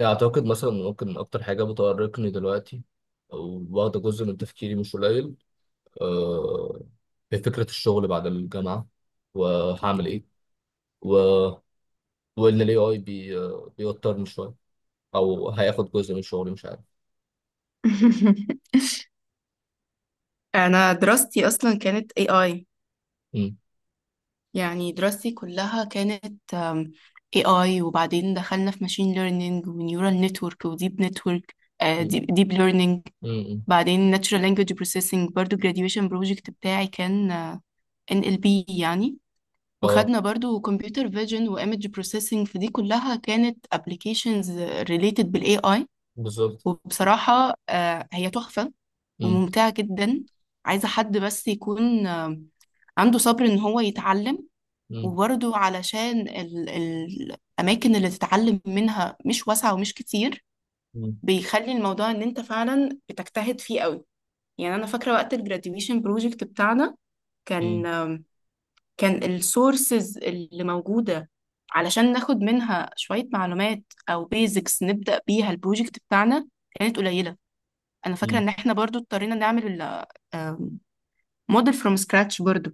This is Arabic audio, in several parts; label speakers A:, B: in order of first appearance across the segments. A: أعتقد مثلا ممكن أكتر حاجة بتؤرقني دلوقتي أو واخدة جزء من تفكيري مش قليل، آه، هي فكرة الشغل بعد الجامعة وهعمل إيه و... وإن ال AI بي... آه، بيوترني شوية أو هياخد جزء من شغلي مش عارف.
B: انا دراستي اصلا كانت اي اي.
A: مم.
B: يعني دراستي كلها كانت اي اي، وبعدين دخلنا في ماشين ليرنينج ونيورال نتورك وديب نتورك،
A: مم.
B: ديب ليرنينج.
A: مم.
B: بعدين ناتشورال لانجويج بروسيسنج، برضو graduation بروجكت بتاعي كان ان ال بي يعني.
A: أه،
B: وخدنا برضو كمبيوتر فيجن وايمج بروسيسنج، فدي كلها كانت ابلكيشنز ريليتد بالاي اي.
A: بالظبط.
B: وبصراحة، آه، هي تحفة
A: مم.
B: وممتعة جدا. عايزة حد بس يكون عنده صبر ان هو يتعلم.
A: مم.
B: وبرضه علشان الاماكن اللي تتعلم منها مش واسعه ومش كتير،
A: مم.
B: بيخلي الموضوع ان انت فعلا بتجتهد فيه قوي. يعني انا فاكره وقت الجراديويشن بروجكت بتاعنا كان،
A: مم.
B: كان السورسز اللي موجوده علشان ناخد منها شويه معلومات او بيزكس نبدا بيها البروجكت بتاعنا كانت قليله. انا فاكره
A: مم.
B: ان احنا برضو اضطرينا نعمل موديل فروم سكراتش برضو.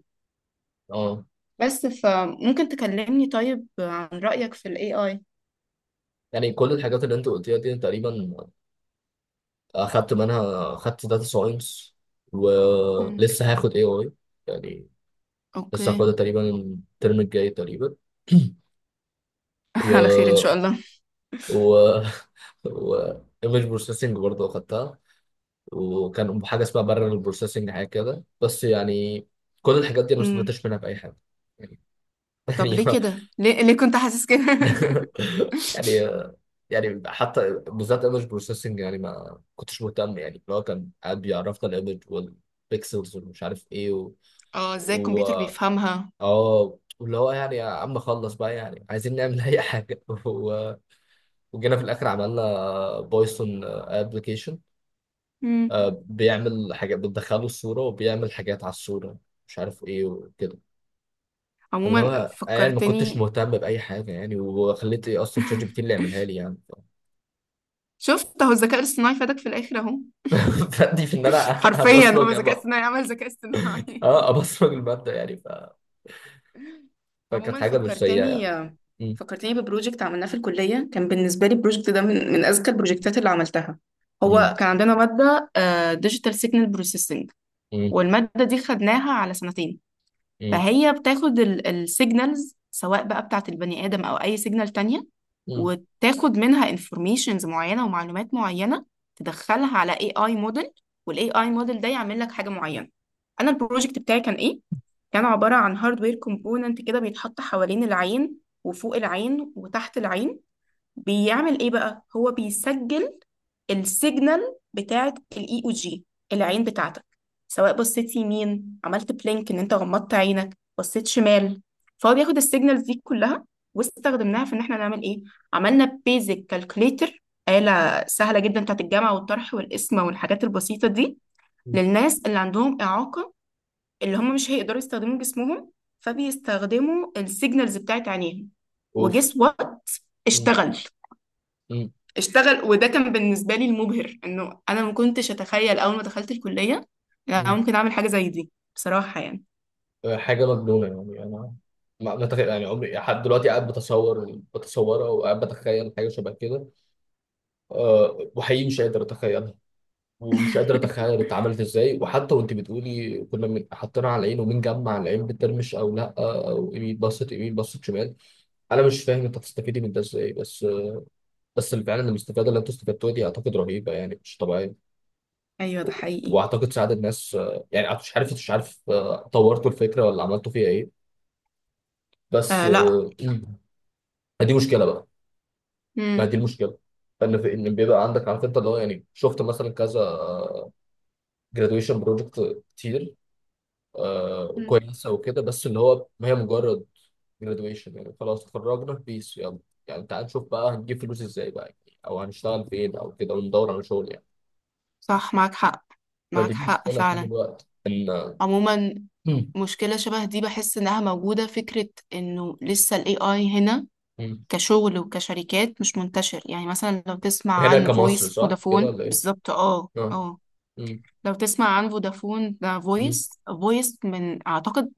A: أه.
B: بس فممكن تكلمني طيب عن رأيك في ال AI؟
A: يعني كل الحاجات اللي أنت قلتيها دي تقريبا، أخدت منها، أخدت داتا ساينس
B: مم.
A: ولسه هاخد AI. يعني لسه
B: اوكي.
A: هاخدها تقريبا الترم الجاي تقريبا.
B: على خير ان شاء
A: و
B: الله.
A: و و ايمج بروسيسنج برضه اخدتها، وكان حاجه اسمها بارل بروسيسنج حاجه كده، بس يعني كل الحاجات دي انا ما
B: مم.
A: استفدتش منها باي حاجه يعني.
B: طب ليه كده؟ ليه كنت حاسس كده؟
A: يعني يعني يعني حتى بالذات ايمج بروسيسنج يعني ما كنتش مهتم، يعني اللي هو كان قاعد بيعرفنا الايمج والبيكسلز ومش عارف ايه
B: اه، ازاي الكمبيوتر
A: و-
B: بيفهمها.
A: اه، واللي هو يعني يا عم خلص بقى، يعني عايزين نعمل اي حاجه. وجينا في الاخر عملنا بايثون ابلكيشن
B: مم.
A: بيعمل حاجات بتدخله الصوره وبيعمل حاجات على الصوره، مش عارف ايه وكده. اللي
B: عموما
A: هو يعني ما كنتش
B: فكرتني.
A: مهتم باي حاجه، يعني وخليت ايه اصلا شات جي بي تي اللي يعملها لي يعني.
B: شفت اهو، الذكاء الاصطناعي فادك في الاخر اهو.
A: فدي في ان انا.
B: حرفيا هو
A: ابصمج
B: الذكاء
A: أب-
B: الاصطناعي عمل ذكاء اصطناعي.
A: اه، ابصمج الماده يعني فكانت
B: عموما
A: حاجه مش سيئه
B: فكرتني.
A: يعني. م-
B: فكرتني ببروجكت عملناه في الكلية، كان بالنسبة لي البروجكت ده من أذكى البروجكتات اللي عملتها. هو
A: م-
B: كان عندنا مادة ديجيتال سيجنال بروسيسنج،
A: م-
B: والمادة دي خدناها على سنتين.
A: م-
B: فهي بتاخد السيجنالز، سواء بقى بتاعة البني آدم أو أي سيجنال تانية،
A: م-
B: وتاخد منها انفورميشنز معينة ومعلومات معينة، تدخلها على اي اي موديل، والاي اي موديل ده يعمل لك حاجة معينة. انا البروجكت بتاعي كان ايه؟ كان عبارة عن هاردوير كومبوننت كده بيتحط حوالين العين، وفوق العين وتحت العين. بيعمل ايه بقى؟ هو بيسجل السيجنال بتاعه الاي او جي، العين بتاعتك، سواء بصيت يمين، عملت بلينك ان انت غمضت عينك، بصيت شمال. فهو بياخد السيجنالز دي كلها، واستخدمناها في ان احنا نعمل ايه. عملنا بيزك كالكوليتر، آلة سهلة جدا بتاعت الجمع والطرح والقسمة والحاجات البسيطة دي،
A: م-
B: للناس اللي عندهم إعاقة، اللي هم مش هيقدروا يستخدموا جسمهم، فبيستخدموا السيجنالز بتاعت عينيهم.
A: اوف.
B: وجس وات،
A: م-
B: اشتغل. اشتغل، وده كان بالنسبة لي المبهر، انه انا ما كنتش اتخيل اول ما دخلت الكلية إن انا
A: م-
B: ممكن اعمل حاجة زي دي، بصراحة يعني.
A: حاجة مجنونة يعني أنا، ما ما تخ- يعني عمري لحد دلوقتي قاعد بتصورها، وقاعد بتخيل حاجة شبه كده. أه، وحقيقي مش قادر أتخيلها، ومش قادر أتخيل اتعملت إزاي. وحتى وأنت بتقولي كنا حاطينها على العين، ومين جمع العين بترمش أو لأ، أو يمين، بصت يمين بصت شمال. أنا مش فاهم أنت هتستفيدي من ده إزاي، بس اللي فعلا المستفادة اللي أنتوا استفدتوها دي أعتقد رهيبة يعني مش طبيعية.
B: ايوه ده حقيقي.
A: وأعتقد ساعد الناس، يعني مش عارف، طورتوا الفكرة ولا عملتوا فيها إيه؟ بس
B: آه لا.
A: دي مشكلة بقى. ما دي
B: مم.
A: المشكله، ان في ان بيبقى عندك عارف انت اللي هو يعني شفت مثلا كذا جرادويشن بروجكت كتير، آه
B: مم.
A: كويسه وكده، بس اللي هو ما هي مجرد جرادويشن يعني. خلاص اتخرجنا بيس، يلا يعني تعال نشوف بقى هنجيب فلوس ازاي بقى، يعني او هنشتغل فين او كده، وندور على شغل يعني.
B: صح، معاك حق.
A: فدي
B: معاك حق
A: المشكله طول
B: فعلا.
A: الوقت ان.
B: عموما
A: مم.
B: مشكلة شبه دي بحس انها موجودة، فكرة انه لسه ال AI هنا
A: مم.
B: كشغل وكشركات مش منتشر. يعني مثلا لو تسمع
A: هنا
B: عن
A: كمصر
B: فويس
A: صح كده
B: فودافون
A: ولا ايه؟
B: بالظبط، اه
A: اه.
B: اه.
A: مم.
B: لو تسمع عن فودافون، ده
A: مم.
B: فويس، فويس من اعتقد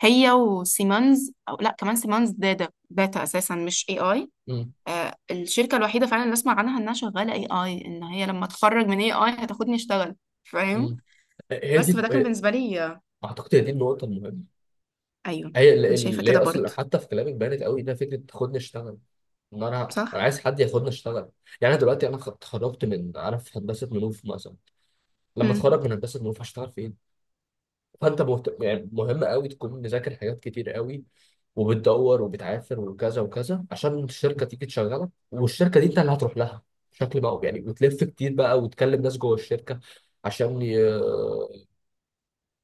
B: هي وسيمونز، او لا، كمان سيمونز، داتا داتا اساسا، مش اي اي.
A: مم.
B: آه الشركه الوحيده فعلا اللي اسمع عنها انها شغاله اي اي، ان هي لما اتخرج من اي اي هتاخدني اشتغل، فاهم.
A: مم. هي
B: بس
A: دي،
B: فده كان بالنسبه لي.
A: اعتقد هي دي النقطه المهمه.
B: ايوه. انا شايفه
A: اللي هي
B: كده برضو.
A: اصلا حتى في كلامك بانت قوي انها فكره خدني اشتغل. ان انا
B: صح.
A: عايز حد ياخدني اشتغل. يعني انا دلوقتي انا اتخرجت من عارف هندسه منوف مثلا، لما
B: مم.
A: اتخرج من هندسه منوف هشتغل فين؟ فانت يعني مهم قوي تكون مذاكر حاجات كتير قوي، وبتدور وبتعافر وكذا وكذا عشان الشركه تيجي تشغلك. والشركه دي انت اللي هتروح لها بشكل بقى يعني، وتلف كتير بقى وتكلم ناس جوه الشركه عشان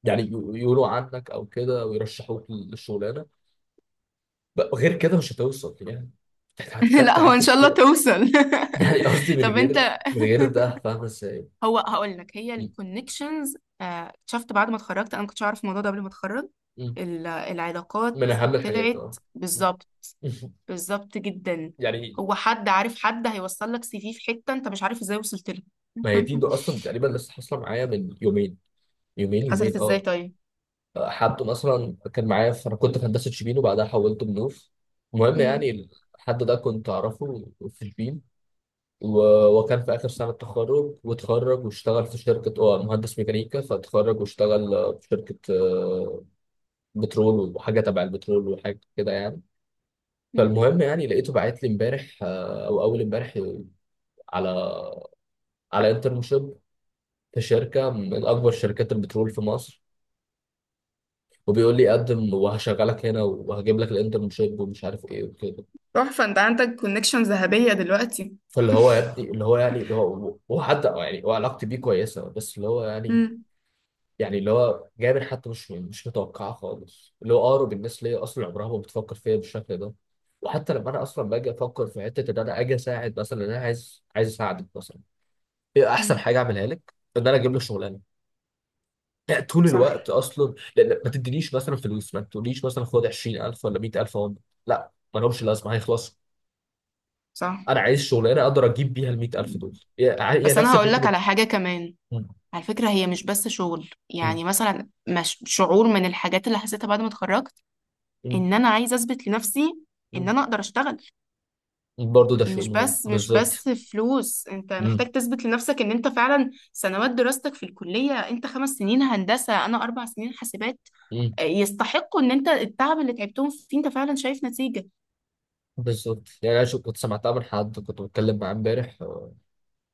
A: يعني ي- يقولوا عنك او كده ويرشحوك للشغلانه بقى. غير كده مش هتوصل يعني. هتحتاج
B: لا، هو ان
A: تعافر
B: شاء الله
A: كتير أوي.
B: توصل.
A: يعني قصدي
B: طب
A: من
B: انت،
A: غير، من غير ده فاهم ازاي.
B: هو هقول لك، هي
A: م-
B: الكونكشنز. شفت بعد ما اتخرجت انا ما كنتش اعرف الموضوع ده قبل ما اتخرج.
A: م-
B: ال-
A: من
B: العلاقات
A: اهم الحاجات
B: طلعت
A: اه. م-
B: بالظبط. بالظبط جدا.
A: يعني
B: هو حد عارف حد هيوصل لك سي في في حتة انت مش عارف ازاي وصلت له.
A: ما هي دي، ده اصلا تقريبا لسه حاصله معايا من يومين، يومين
B: حصلت
A: يومين
B: ازاي
A: اه.
B: طيب؟
A: حد مثلا كان معايا انا كنت في هندسه شبين وبعدها حولت منوف، المهم
B: امم.
A: يعني. الحد ده كنت اعرفه في شبين، وكان في اخر سنه تخرج، واتخرج واشتغل في شركه، مهندس ميكانيكا، فاتخرج واشتغل، في شركه، بترول وحاجه تبع البترول وحاجه كده يعني.
B: امم.
A: فالمهم يعني لقيته باعت لي امبارح، او اول امبارح، على انترنشيب في شركه من اكبر شركات البترول في مصر، وبيقول لي قدم وهشغلك هنا وهجيب لك الانترنشيب ومش عارف ايه وكده.
B: تحفة، انت عندك كونكشن ذهبية دلوقتي.
A: فاللي هو يا ابني اللي هو يعني اللي هو هو حد يعني، هو علاقتي بيه كويسه، بس اللي هو يعني
B: امم.
A: يعني اللي هو جابر حتى مش متوقعه خالص. اللي هو اقرب الناس ليا اصلا عمرها ما بتفكر فيا بالشكل ده، وحتى لما انا اصلا باجي افكر في حته ان انا اجي اساعد مثلا، إن انا عايز اساعدك مثلا، ايه احسن
B: أمم.
A: حاجه اعملها لك؟ ان انا اجيب لك شغلانه. لا، طول
B: صح.
A: الوقت اصلا لان ما تدينيش مثلا فلوس، ما تقوليش مثلا خد 20000 ولا 100000 اهو. لا، ما لهمش لازمه، هيخلصوا.
B: صح.
A: انا عايز شغلانه اقدر اجيب بيها ال 100000 دول. هي هي
B: بس انا
A: نفس
B: هقول لك
A: فكره.
B: على حاجة كمان.
A: مم.
B: على فكرة، هي مش بس شغل.
A: مم.
B: يعني مثلا مش شعور، من الحاجات اللي حسيتها بعد ما اتخرجت
A: مم.
B: ان انا عايزة اثبت لنفسي ان
A: مم.
B: انا اقدر اشتغل.
A: برضو ده شيء
B: مش
A: مهم
B: بس مش
A: بالظبط.
B: بس فلوس. انت
A: مم.
B: محتاج تثبت لنفسك ان انت فعلا سنوات دراستك في الكلية، انت خمس سنين هندسة، انا اربع سنين حاسبات،
A: مم.
B: يستحقوا، ان انت التعب اللي تعبتهم فيه انت فعلا شايف نتيجة.
A: بالظبط. يعني انا كنت سمعتها من حد كنت بتكلم معاه امبارح،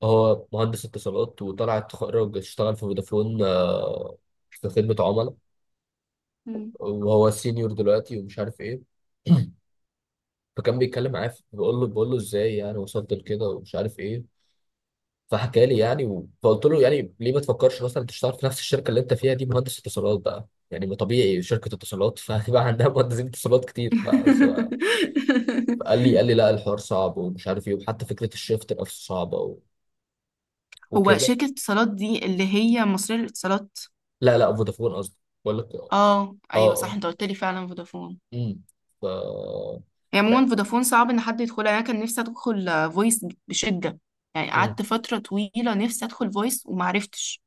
A: هو مهندس اتصالات وطلع اتخرج اشتغل في فودافون، في خدمة عملاء.
B: مم.
A: وهو سينيور دلوقتي ومش عارف ايه. فكان بيتكلم معايا بقول له ازاي يعني وصلت لكده ومش عارف ايه. فحكى لي يعني، فقلت له يعني ليه ما تفكرش مثلا تشتغل في نفس الشركة اللي انت فيها دي؟ مهندس اتصالات بقى يعني، ما طبيعي شركة اتصالات فهيبقى عندها مهندسين اتصالات كتير بقى، قال لي لا الحوار صعب ومش عارف ايه، وحتى فكرة الشيفت نفسه صعبة
B: هو
A: وكده.
B: شركة اتصالات دي اللي هي مصرية للاتصالات؟
A: لا لا، فودافون قصدي، بقول لك اه.
B: اه ايوه صح،
A: اه.
B: انت قلت لي فعلا فودافون.
A: امم ف
B: هي عموما فودافون صعب ان حد يدخلها. يعني انا كان نفسي ادخل فويس بشدة، يعني
A: امم
B: قعدت فترة طويلة نفسي ادخل فويس ومعرفتش.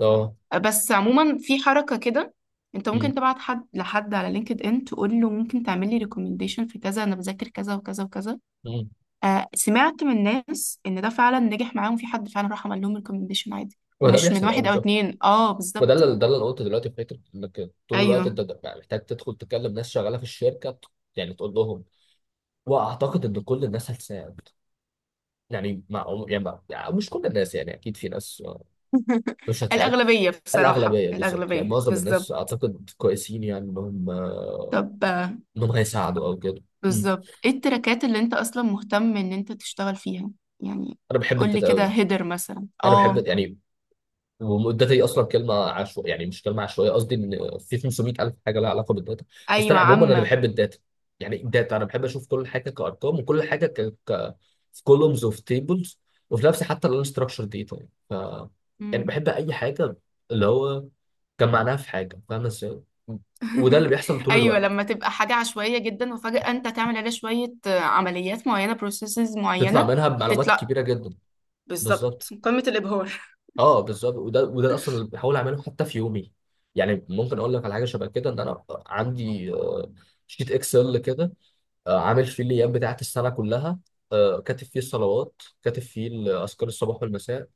A: اه.
B: بس عموما في حركة كده، انت
A: امم
B: ممكن تبعت حد لحد على لينكد ان، تقول له ممكن تعمل لي ريكومنديشن في كذا، انا بذاكر كذا وكذا وكذا.
A: امم
B: آه سمعت من ناس ان ده فعلا نجح معاهم، في حد فعلا راح عمل لهم ريكومنديشن عادي،
A: وده
B: ومش من
A: بيحصل اه
B: واحد او
A: بالظبط.
B: اتنين، اه
A: وده
B: بالظبط.
A: اللي ده اللي انا قلته دلوقتي في فكره انك طول الوقت
B: ايوه
A: انت بقى محتاج تدخل تكلم ناس شغاله في الشركه، يعني تقول لهم. واعتقد ان كل الناس هتساعد، يعني مع يعني, مع يعني مش كل الناس يعني، اكيد في ناس مش هتساعد.
B: الاغلبية بصراحة،
A: الاغلبيه بالظبط، يعني
B: الاغلبية
A: معظم الناس
B: بالظبط.
A: اعتقد كويسين، يعني انهم،
B: طب
A: انهم هيساعدوا او كده. مم.
B: بالظبط ايه التراكات اللي انت اصلا مهتم ان انت تشتغل فيها؟ يعني
A: انا بحب
B: قول لي كده
A: التداوي.
B: هيدر مثلا،
A: انا بحب
B: اه.
A: يعني، والداتا دي اصلا كلمه عشوائيه، يعني مش كلمه عشوائيه قصدي، ان في 500 الف حاجه لها علاقه بالداتا. بس
B: ايوه
A: انا عموما انا
B: عامة.
A: بحب الداتا. يعني الداتا انا بحب اشوف كل حاجه كارقام وكل حاجه في كولومز وفي تيبلز. وفي نفسي حتى الانستراكشر داتا يعني، يعني بحب اي حاجه اللي هو كان معناها في حاجه، فاهم ازاي. وده اللي بيحصل طول
B: ايوه
A: الوقت.
B: لما تبقى حاجه عشوائيه جدا، وفجاه انت تعمل عليها شويه عمليات معينه، بروسيسز
A: تطلع
B: معينه،
A: منها بمعلومات
B: تطلع.
A: كبيره جدا.
B: بالظبط.
A: بالظبط
B: قمة الإبهار.
A: اه، بالظبط. وده اصلا اللي بحاول اعمله حتى في يومي. يعني ممكن اقول لك على حاجه شبه كده ان انا عندي، شيت اكسل كده، عامل فيه الايام بتاعت السنه كلها. كاتب فيه الصلوات، كاتب فيه اذكار الصباح والمساء،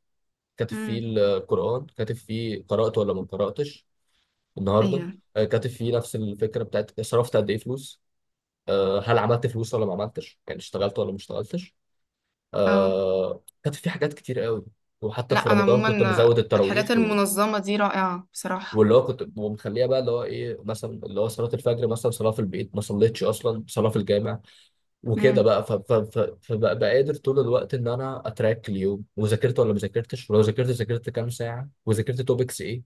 A: كاتب فيه
B: امم.
A: القران، كاتب فيه قرات ولا ما قراتش النهارده.
B: ايوه.
A: كاتب فيه نفس الفكره بتاعت صرفت قد ايه فلوس. هل عملت فلوس ولا ما عملتش؟ يعني اشتغلت ولا ما اشتغلتش.
B: اه
A: كاتب فيه حاجات كتير قوي. وحتى
B: لا،
A: في
B: انا
A: رمضان كنت
B: عموما
A: مزود التراويح.
B: الحاجات المنظمه دي رائعه بصراحه.
A: واللي هو كنت ومخليها بقى اللي هو ايه مثلا، اللي هو صلاه الفجر مثلا، صلاه في البيت ما صليتش، اصلا صلاه في الجامع وكده
B: امم.
A: بقى. فبقى قادر طول الوقت ان انا اتراك اليوم، وذاكرت ولا ما ذاكرتش، ولو ذاكرت ذاكرت كام ساعه وذاكرت توبكس ايه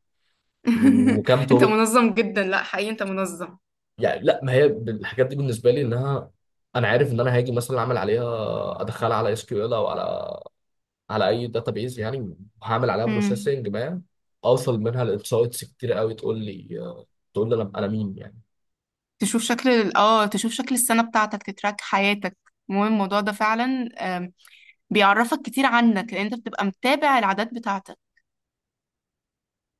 A: وكام
B: انت
A: توبك.
B: منظم جدا، لا حقيقي انت منظم.
A: يعني لا، ما هي الحاجات دي بالنسبه لي، انها انا عارف ان انا هاجي مثلا اعمل عليها، ادخلها على اس كيو ال او على اي داتابيز يعني. وهعمل عليها
B: امم.
A: بروسيسنج ما اوصل منها لانسايتس كتير قوي. تقول لي انا مين يعني.
B: تشوف شكل تشوف شكل السنه بتاعتك، تتراك حياتك. المهم الموضوع ده فعلا، آم، بيعرفك كتير عنك، لان انت بتبقى متابع العادات بتاعتك.